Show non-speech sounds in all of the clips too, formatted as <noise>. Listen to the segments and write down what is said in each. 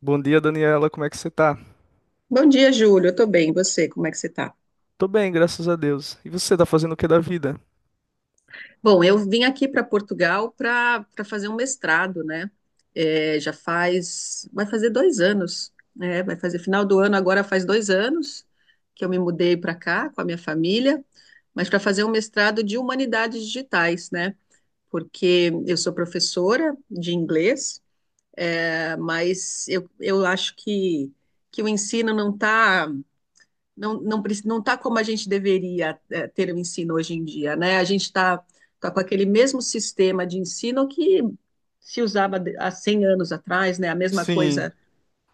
Bom dia, Daniela. Como é que você tá? Bom dia, Júlio. Eu tô bem. E você, como é que você tá? Tô bem, graças a Deus. E você tá fazendo o que da vida? Bom, eu vim aqui para Portugal para fazer um mestrado, né? É, já faz, vai fazer 2 anos, né? Vai fazer final do ano agora faz 2 anos que eu me mudei para cá com a minha família, mas para fazer um mestrado de humanidades digitais, né? Porque eu sou professora de inglês. Mas eu acho que o ensino não está não não preci- não está como a gente deveria ter o ensino hoje em dia, né? A gente está tá com aquele mesmo sistema de ensino que se usava há 100 anos atrás, né? A mesma Sim, coisa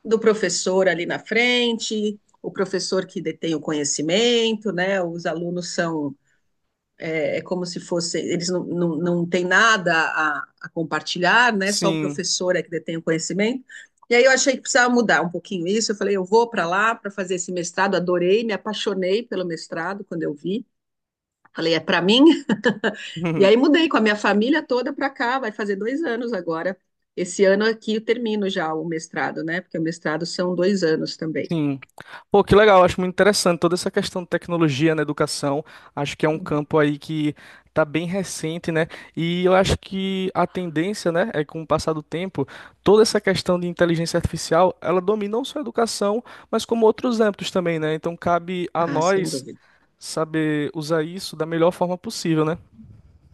do professor ali na frente, o professor que detém o conhecimento, né? Os alunos são é como se fosse, eles não têm nada a compartilhar, né? Só o sim, professor é que detém o conhecimento. E aí eu achei que precisava mudar um pouquinho isso. Eu falei, eu vou para lá para fazer esse mestrado, adorei, me apaixonei pelo mestrado quando eu vi. Falei, é para mim. <laughs> E aí <laughs> mudei com a minha família toda para cá, vai fazer 2 anos agora. Esse ano aqui eu termino já o mestrado, né? Porque o mestrado são 2 anos também. sim. Pô, que legal. Acho muito interessante toda essa questão de tecnologia na educação. Acho que é um campo aí que tá bem recente, né? E eu acho que a tendência, né, é que com o passar do tempo, toda essa questão de inteligência artificial, ela domina não só a educação, mas como outros âmbitos também, né? Então cabe a Ah, sem nós dúvida. saber usar isso da melhor forma possível, né?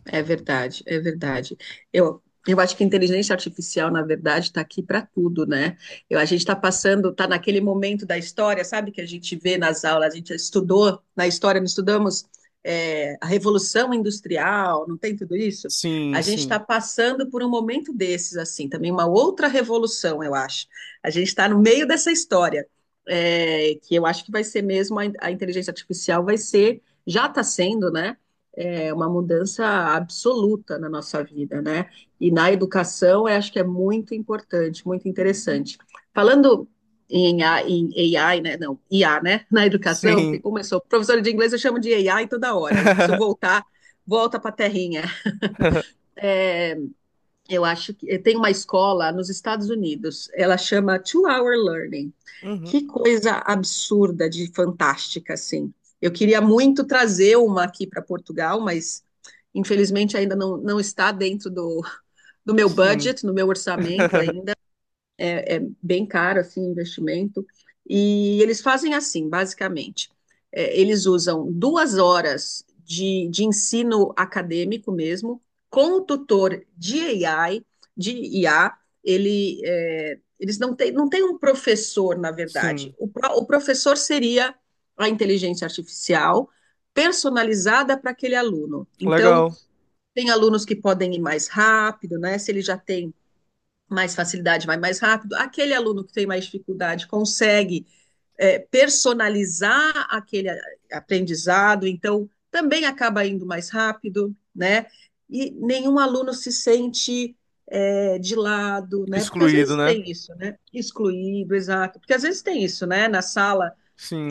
É verdade, é verdade. Eu, eu, acho que a inteligência artificial, na verdade, está aqui para tudo, né? A gente está passando, está naquele momento da história, sabe, que a gente vê nas aulas, a gente estudou, na história, não estudamos a Revolução Industrial, não tem tudo isso? Sim, A gente está sim. passando por um momento desses, assim, também uma outra revolução, eu acho. A gente está no meio dessa história, que eu acho que vai ser mesmo, a inteligência artificial vai ser, já está sendo, né? É, uma mudança absoluta na nossa vida, né? E na educação, eu acho que é muito importante, muito interessante. Falando em AI, em, né? Não, IA, né? <laughs> Na educação, porque Sim. começou, professor de inglês eu chamo de AI toda hora, e preciso <laughs> voltar, volta para a terrinha. É, eu acho que tem uma escola nos Estados Unidos, ela chama Two Hour Learning. Uhum. Que coisa absurda de fantástica, assim. Eu queria muito trazer uma aqui para Portugal, mas infelizmente ainda não está dentro do meu Sim. budget, no meu orçamento <laughs> ainda é bem caro assim o investimento. E eles fazem assim, basicamente. É, eles usam 2 horas de ensino acadêmico mesmo, com o tutor de AI, de IA. Eles não tem um professor, na verdade. Sim. O professor seria a inteligência artificial personalizada para aquele aluno. Então, Legal. tem alunos que podem ir mais rápido, né? Se ele já tem mais facilidade, vai mais rápido. Aquele aluno que tem mais dificuldade consegue personalizar aquele aprendizado, então também acaba indo mais rápido, né? E nenhum aluno se sente de lado, né? Porque às Excluído, vezes né? tem isso, né? Excluído, exato. Porque às vezes tem isso, né? Na sala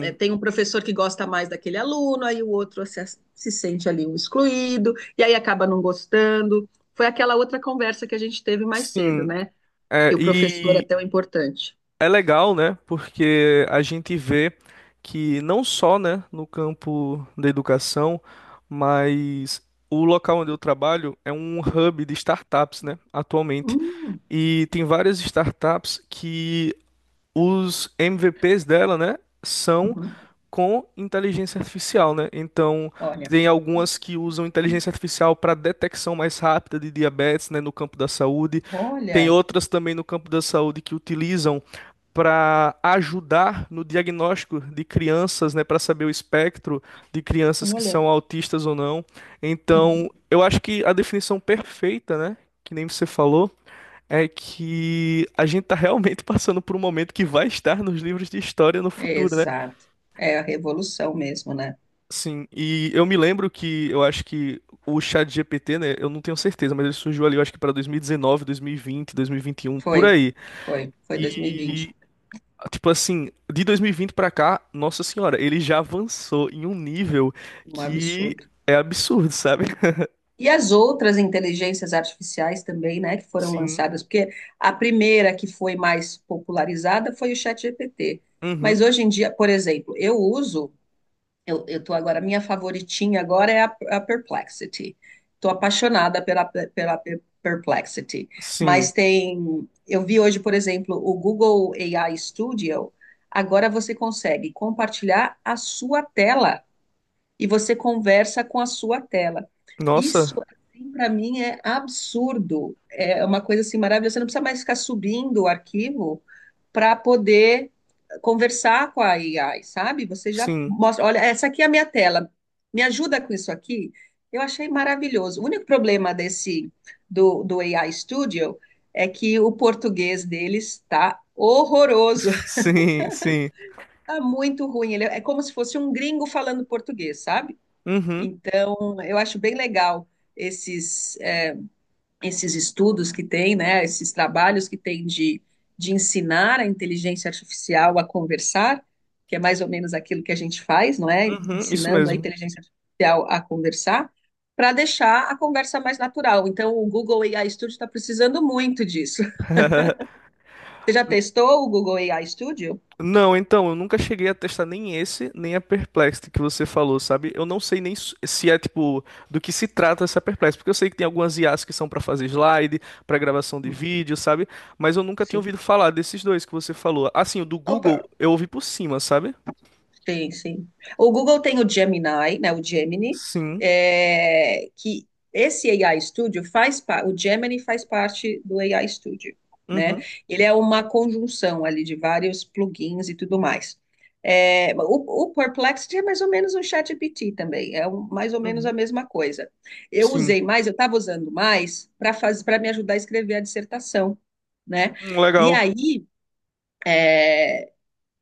tem um professor que gosta mais daquele aluno, aí o outro se sente ali um excluído, e aí acaba não gostando. Foi aquela outra conversa que a gente teve mais cedo, Sim. né? E É, o professor é e tão importante. é legal, né? Porque a gente vê que não só, né, no campo da educação, mas o local onde eu trabalho é um hub de startups, né, atualmente. Hum. E tem várias startups que os MVPs dela, né, são Uhum. com inteligência artificial, né? Então, Olha, tem algumas que usam inteligência artificial para detecção mais rápida de diabetes, né, no campo da saúde. Tem olha, outras também no campo da saúde que utilizam para ajudar no diagnóstico de crianças, né, para saber o espectro de crianças que olha. são autistas ou não. Então, Uhum. eu acho que a definição perfeita, né, que nem você falou, é que a gente está realmente <laughs> passando por um momento que vai estar nos livros de história no É, futuro, né? exato. É a revolução mesmo, né? Sim, e eu me lembro que eu acho que o chat GPT né, eu não tenho certeza, mas ele surgiu ali, eu acho que para 2019, 2020, 2021, por Foi, aí. foi 2020. E tipo assim, de 2020 para cá, nossa senhora, ele já avançou em um nível Um que absurdo. é absurdo, sabe? <laughs> E as outras inteligências artificiais também, né, que foram Sim. lançadas, porque a primeira que foi mais popularizada foi o ChatGPT. Uhum. Mas hoje em dia, por exemplo, eu tô agora, minha favoritinha agora é a Perplexity. Tô apaixonada pela Perplexity. Sim. Mas tem, eu vi hoje, por exemplo, o Google AI Studio. Agora você consegue compartilhar a sua tela e você conversa com a sua tela. Isso, Nossa. assim, para mim é absurdo. É uma coisa assim maravilhosa. Você não precisa mais ficar subindo o arquivo para poder conversar com a AI, sabe? Você já Sim. mostra, olha, essa aqui é a minha tela, me ajuda com isso aqui. Eu achei maravilhoso. O único problema do AI Studio é que o português deles está horroroso, <laughs> Sim, sim. <laughs> está muito ruim. Ele é como se fosse um gringo falando português, sabe? Uhum. Então, eu acho bem legal esses esses estudos que tem, né, esses trabalhos que tem de ensinar a inteligência artificial a conversar, que é mais ou menos aquilo que a gente faz, não é? Uhum. Isso Ensinando a mesmo. inteligência artificial a conversar, para deixar a conversa mais natural. Então, o Google AI Studio está precisando muito disso. Você já testou o Google AI Studio? Não, então, eu nunca cheguei a testar nem esse, nem a Perplexity que você falou, sabe? Eu não sei nem se é, tipo, do que se trata essa Perplexity, porque eu sei que tem algumas IAs que são para fazer slide, para gravação de vídeo, sabe? Mas eu nunca tinha Sim. ouvido falar desses dois que você falou. Assim, o do Google eu ouvi por cima, sabe? Sim, sim. O Google tem o Gemini, né? O Gemini, Sim. é, que esse AI Studio faz parte, o Gemini faz parte do AI Studio, né? Uhum. Ele é uma conjunção ali de vários plugins e tudo mais. É, o Perplexity é mais ou menos um ChatGPT também, mais ou menos a Uhum. mesma coisa. Eu Sim. usei mais, eu estava usando mais para fazer, para me ajudar a escrever a dissertação, né? E legal. aí,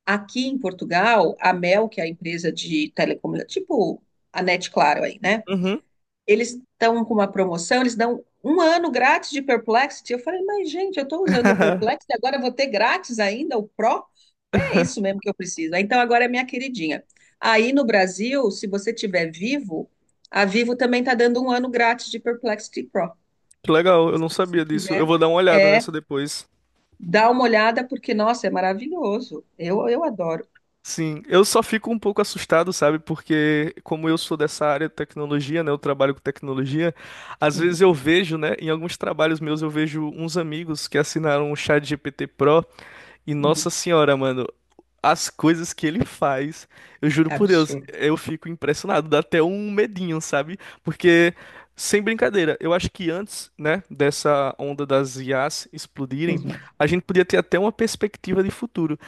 aqui em Portugal, a Mel, que é a empresa de telecomunicação, tipo a NET Claro aí, né? Uhum. Eles estão com uma promoção, eles dão um ano grátis de Perplexity. Eu falei, mas gente, eu estou usando o <laughs> Perplexity, agora eu vou ter grátis ainda o Pro? É isso mesmo que eu preciso. Ah, então agora é minha queridinha. Aí no Brasil, se você tiver Vivo, a Vivo também está dando um ano grátis de Perplexity Pro. Que legal, eu Se não você sabia disso. Eu tiver, vou dar uma olhada é, nessa depois. dá uma olhada, porque, nossa, é maravilhoso. Eu adoro. Sim, eu só fico um pouco assustado, sabe? Porque como eu sou dessa área de tecnologia, né, eu trabalho com tecnologia, às vezes Uhum, eu vejo, né, em alguns trabalhos meus eu vejo uns amigos que assinaram o ChatGPT Pro e nossa uhum. senhora, mano, as coisas que ele faz, eu juro É por Deus, absurdo. eu fico impressionado, dá até um medinho, sabe? Porque sem brincadeira, eu acho que antes, né, dessa onda das IAs explodirem, Uhum, a gente podia ter até uma perspectiva de futuro.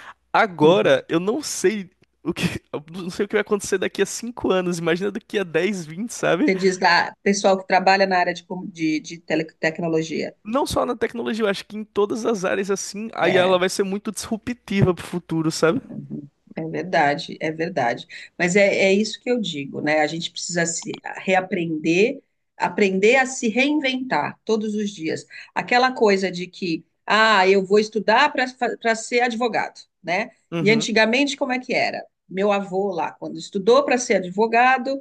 uhum. Agora, eu não sei o que, <laughs> eu não sei o que vai acontecer daqui a 5 anos, imagina daqui a 10 20 sabe? Você diz da pessoal que trabalha na área de teletecnologia. Não só na tecnologia, eu acho que em todas as áreas assim, a IA ela É, vai ser muito disruptiva pro futuro, sabe? uhum, é verdade, é verdade. Mas é isso que eu digo, né? A gente precisa se reaprender, aprender a se reinventar todos os dias. Aquela coisa de que, ah, eu vou estudar para ser advogado, né? E Uhum. antigamente, como é que era? Meu avô lá, quando estudou para ser advogado,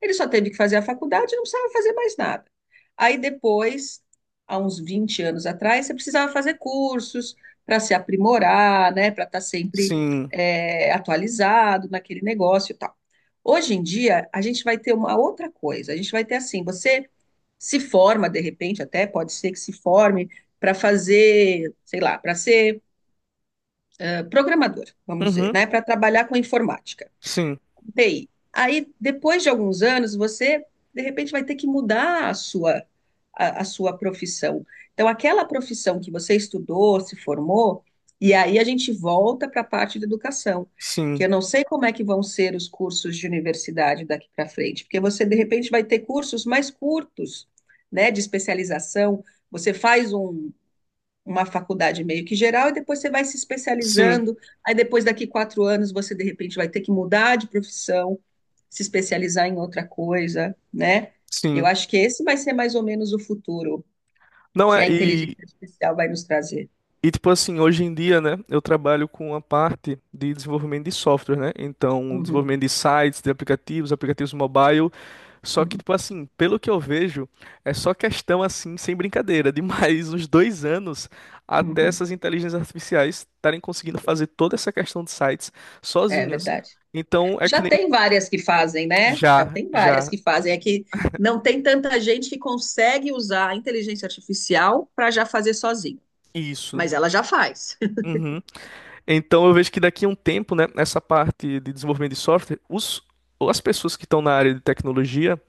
ele só teve que fazer a faculdade e não precisava fazer mais nada. Aí depois, há uns 20 anos atrás, você precisava fazer cursos para se aprimorar, né, para estar sempre Sim. Atualizado naquele negócio e tal. Hoje em dia, a gente vai ter uma outra coisa. A gente vai ter assim, você se forma de repente, até pode ser que se forme para fazer, sei lá, para ser programador, vamos dizer, Uhum. né, para trabalhar com informática. Sim. TI. Aí, depois de alguns anos, você, de repente, vai ter que mudar a sua profissão. Então, aquela profissão que você estudou, se formou, e aí a gente volta para a parte da educação, que Sim. eu não sei como é que vão ser os cursos de universidade daqui para frente, porque você, de repente, vai ter cursos mais curtos, né, de especialização. Você faz uma faculdade meio que geral, e depois você vai se Sim. especializando. Aí depois, daqui 4 anos, você de repente vai ter que mudar de profissão, se especializar em outra coisa, né? Eu Sim. acho que esse vai ser mais ou menos o futuro Não que é, a inteligência e artificial vai nos trazer. E tipo assim, hoje em dia, né, eu trabalho com a parte de desenvolvimento de software, né? Então, Uhum, desenvolvimento de sites, de aplicativos, aplicativos mobile. Só que, uhum, tipo assim, pelo que eu vejo, é só questão assim, sem brincadeira, de mais <laughs> uns 2 anos até uhum. essas inteligências artificiais estarem conseguindo fazer toda essa questão de sites É sozinhas. verdade. Então, é Já que nem tem várias que fazem, né? Já já, tem várias já, que fazem. É que não tem tanta gente que consegue usar a inteligência artificial para já fazer sozinho, isso. mas ela já faz. <laughs> Uhum. Então eu vejo que daqui a um tempo, né, essa parte de desenvolvimento de software, as pessoas que estão na área de tecnologia,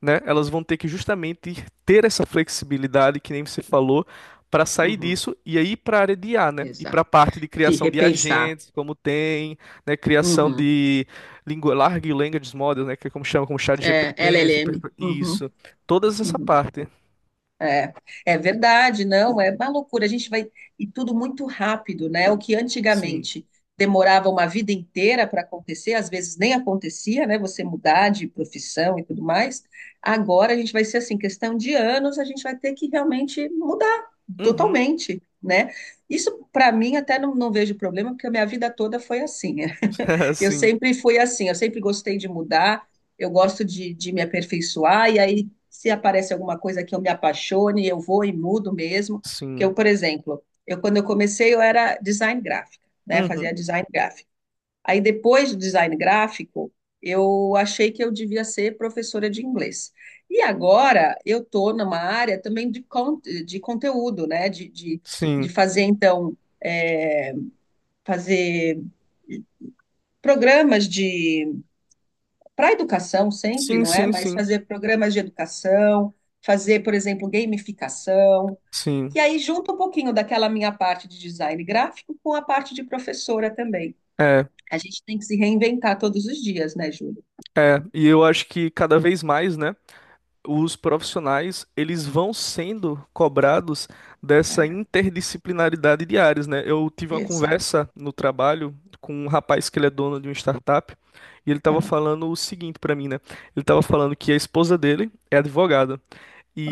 né, elas vão ter que justamente ter essa flexibilidade que nem você falou para sair Uhum, disso e aí para a área de IA, né? E para exato. a parte de Se criação de repensar. agentes, como tem, né, criação Uhum. de lingu large language models, né, que é como chama, como É, ChatGPT, LLM. Uhum. isso, todas essa Uhum. parte. É, é verdade, não, é uma loucura. A gente vai. E tudo muito rápido, né? O que Sim. antigamente demorava uma vida inteira para acontecer, às vezes nem acontecia, né? Você mudar de profissão e tudo mais. Agora a gente vai ser assim, questão de anos, a gente vai ter que realmente mudar Uhum. totalmente, né? Isso, para mim, até não vejo problema, porque a minha vida toda foi assim. <laughs> Eu Sim. sempre fui assim, eu sempre gostei de mudar, eu gosto de me aperfeiçoar, e aí, se aparece alguma coisa que eu me apaixone, eu vou e mudo mesmo. Porque Sim. eu, por exemplo, eu quando eu comecei, eu era design gráfico, né? Uhum. Fazia design gráfico. Aí, depois do design gráfico, eu achei que eu devia ser professora de inglês. E agora eu estou numa área também de conteúdo, né? De Sim. fazer, então, é, fazer programas de para a educação sempre, Sim, não é? sim, Mas sim. fazer programas de educação, fazer, por exemplo, gamificação, Sim, e aí junta um pouquinho daquela minha parte de design gráfico com a parte de professora também. é, A gente tem que se reinventar todos os dias, né, Júlio? é. E eu acho que cada vez mais, né, os profissionais, eles vão sendo cobrados dessa É, interdisciplinaridade de áreas, né? Eu tive uma exato. conversa no trabalho com um rapaz que ele é dono de uma startup e ele estava Aham, falando o seguinte para mim, né? Ele estava falando que a esposa dele é advogada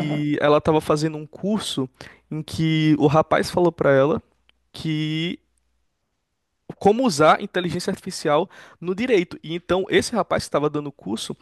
aham, ela estava fazendo um curso em que o rapaz falou para ela que como usar inteligência artificial no direito. E então esse rapaz que estava dando o curso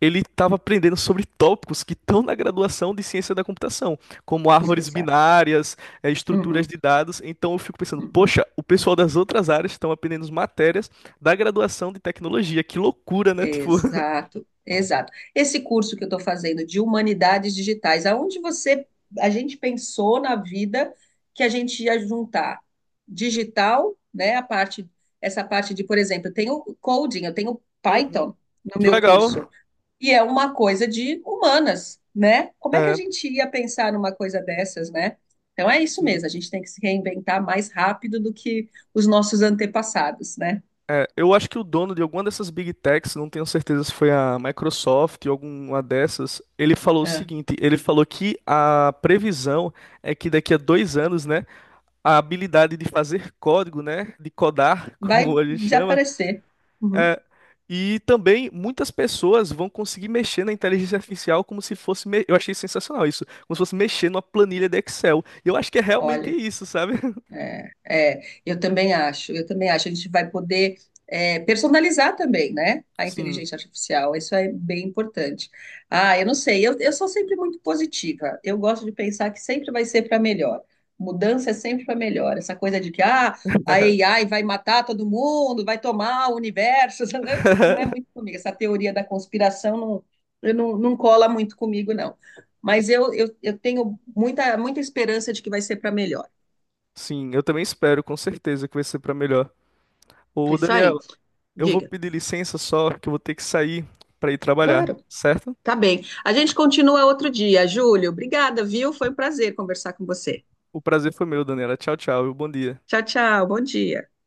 ele estava aprendendo sobre tópicos que estão na graduação de ciência da computação, como árvores exato. binárias, estruturas Uhum, de dados. Então eu fico pensando, uhum. poxa, o pessoal das outras áreas estão aprendendo as matérias da graduação de tecnologia. Que loucura, né? Tipo, Exato, exato. Esse curso que eu estou fazendo de humanidades digitais, aonde você, a gente pensou na vida que a gente ia juntar digital, né? A parte, essa parte de, por exemplo, eu tenho coding, eu tenho <laughs> uhum, Python no que meu curso, legal. e é uma coisa de humanas, né? Como é que a É, gente ia pensar numa coisa dessas, né? Então é isso mesmo, sim. a gente tem que se reinventar mais rápido do que os nossos antepassados, né? É, eu acho que o dono de alguma dessas big techs, não tenho certeza se foi a Microsoft ou alguma dessas, ele falou o É. seguinte: ele falou que a previsão é que daqui a 2 anos, né? A habilidade de fazer código, né? De codar, <laughs> Vai como a gente de chama. aparecer. Uhum. É, e também muitas pessoas vão conseguir mexer na inteligência artificial como se fosse. Eu achei sensacional isso. Como se fosse mexer numa planilha de Excel. E eu acho que é realmente Olha, isso, sabe? é, eu também acho, eu também acho. A gente vai poder personalizar também, né? A Sim. inteligência artificial, isso é bem importante. Ah, eu não sei, eu sou sempre muito positiva. Eu gosto de pensar que sempre vai ser para melhor. Mudança é sempre para melhor. Essa coisa de que ah, a AI vai matar todo mundo, vai tomar o universo, <laughs> não é muito <laughs> comigo. Essa teoria da conspiração não, eu não cola muito comigo, não. Mas eu tenho muita, muita esperança de que vai ser para melhor. Sim, eu também espero, com certeza, que vai ser para melhor. Ô, Isso Daniel, aí, eu vou diga. pedir licença só, que eu vou ter que sair para ir trabalhar, Claro, certo? tá bem. A gente continua outro dia, Júlio. Obrigada, viu? Foi um prazer conversar com você. O prazer foi meu, Daniela. Tchau, tchau e bom dia. Tchau, tchau. Bom dia.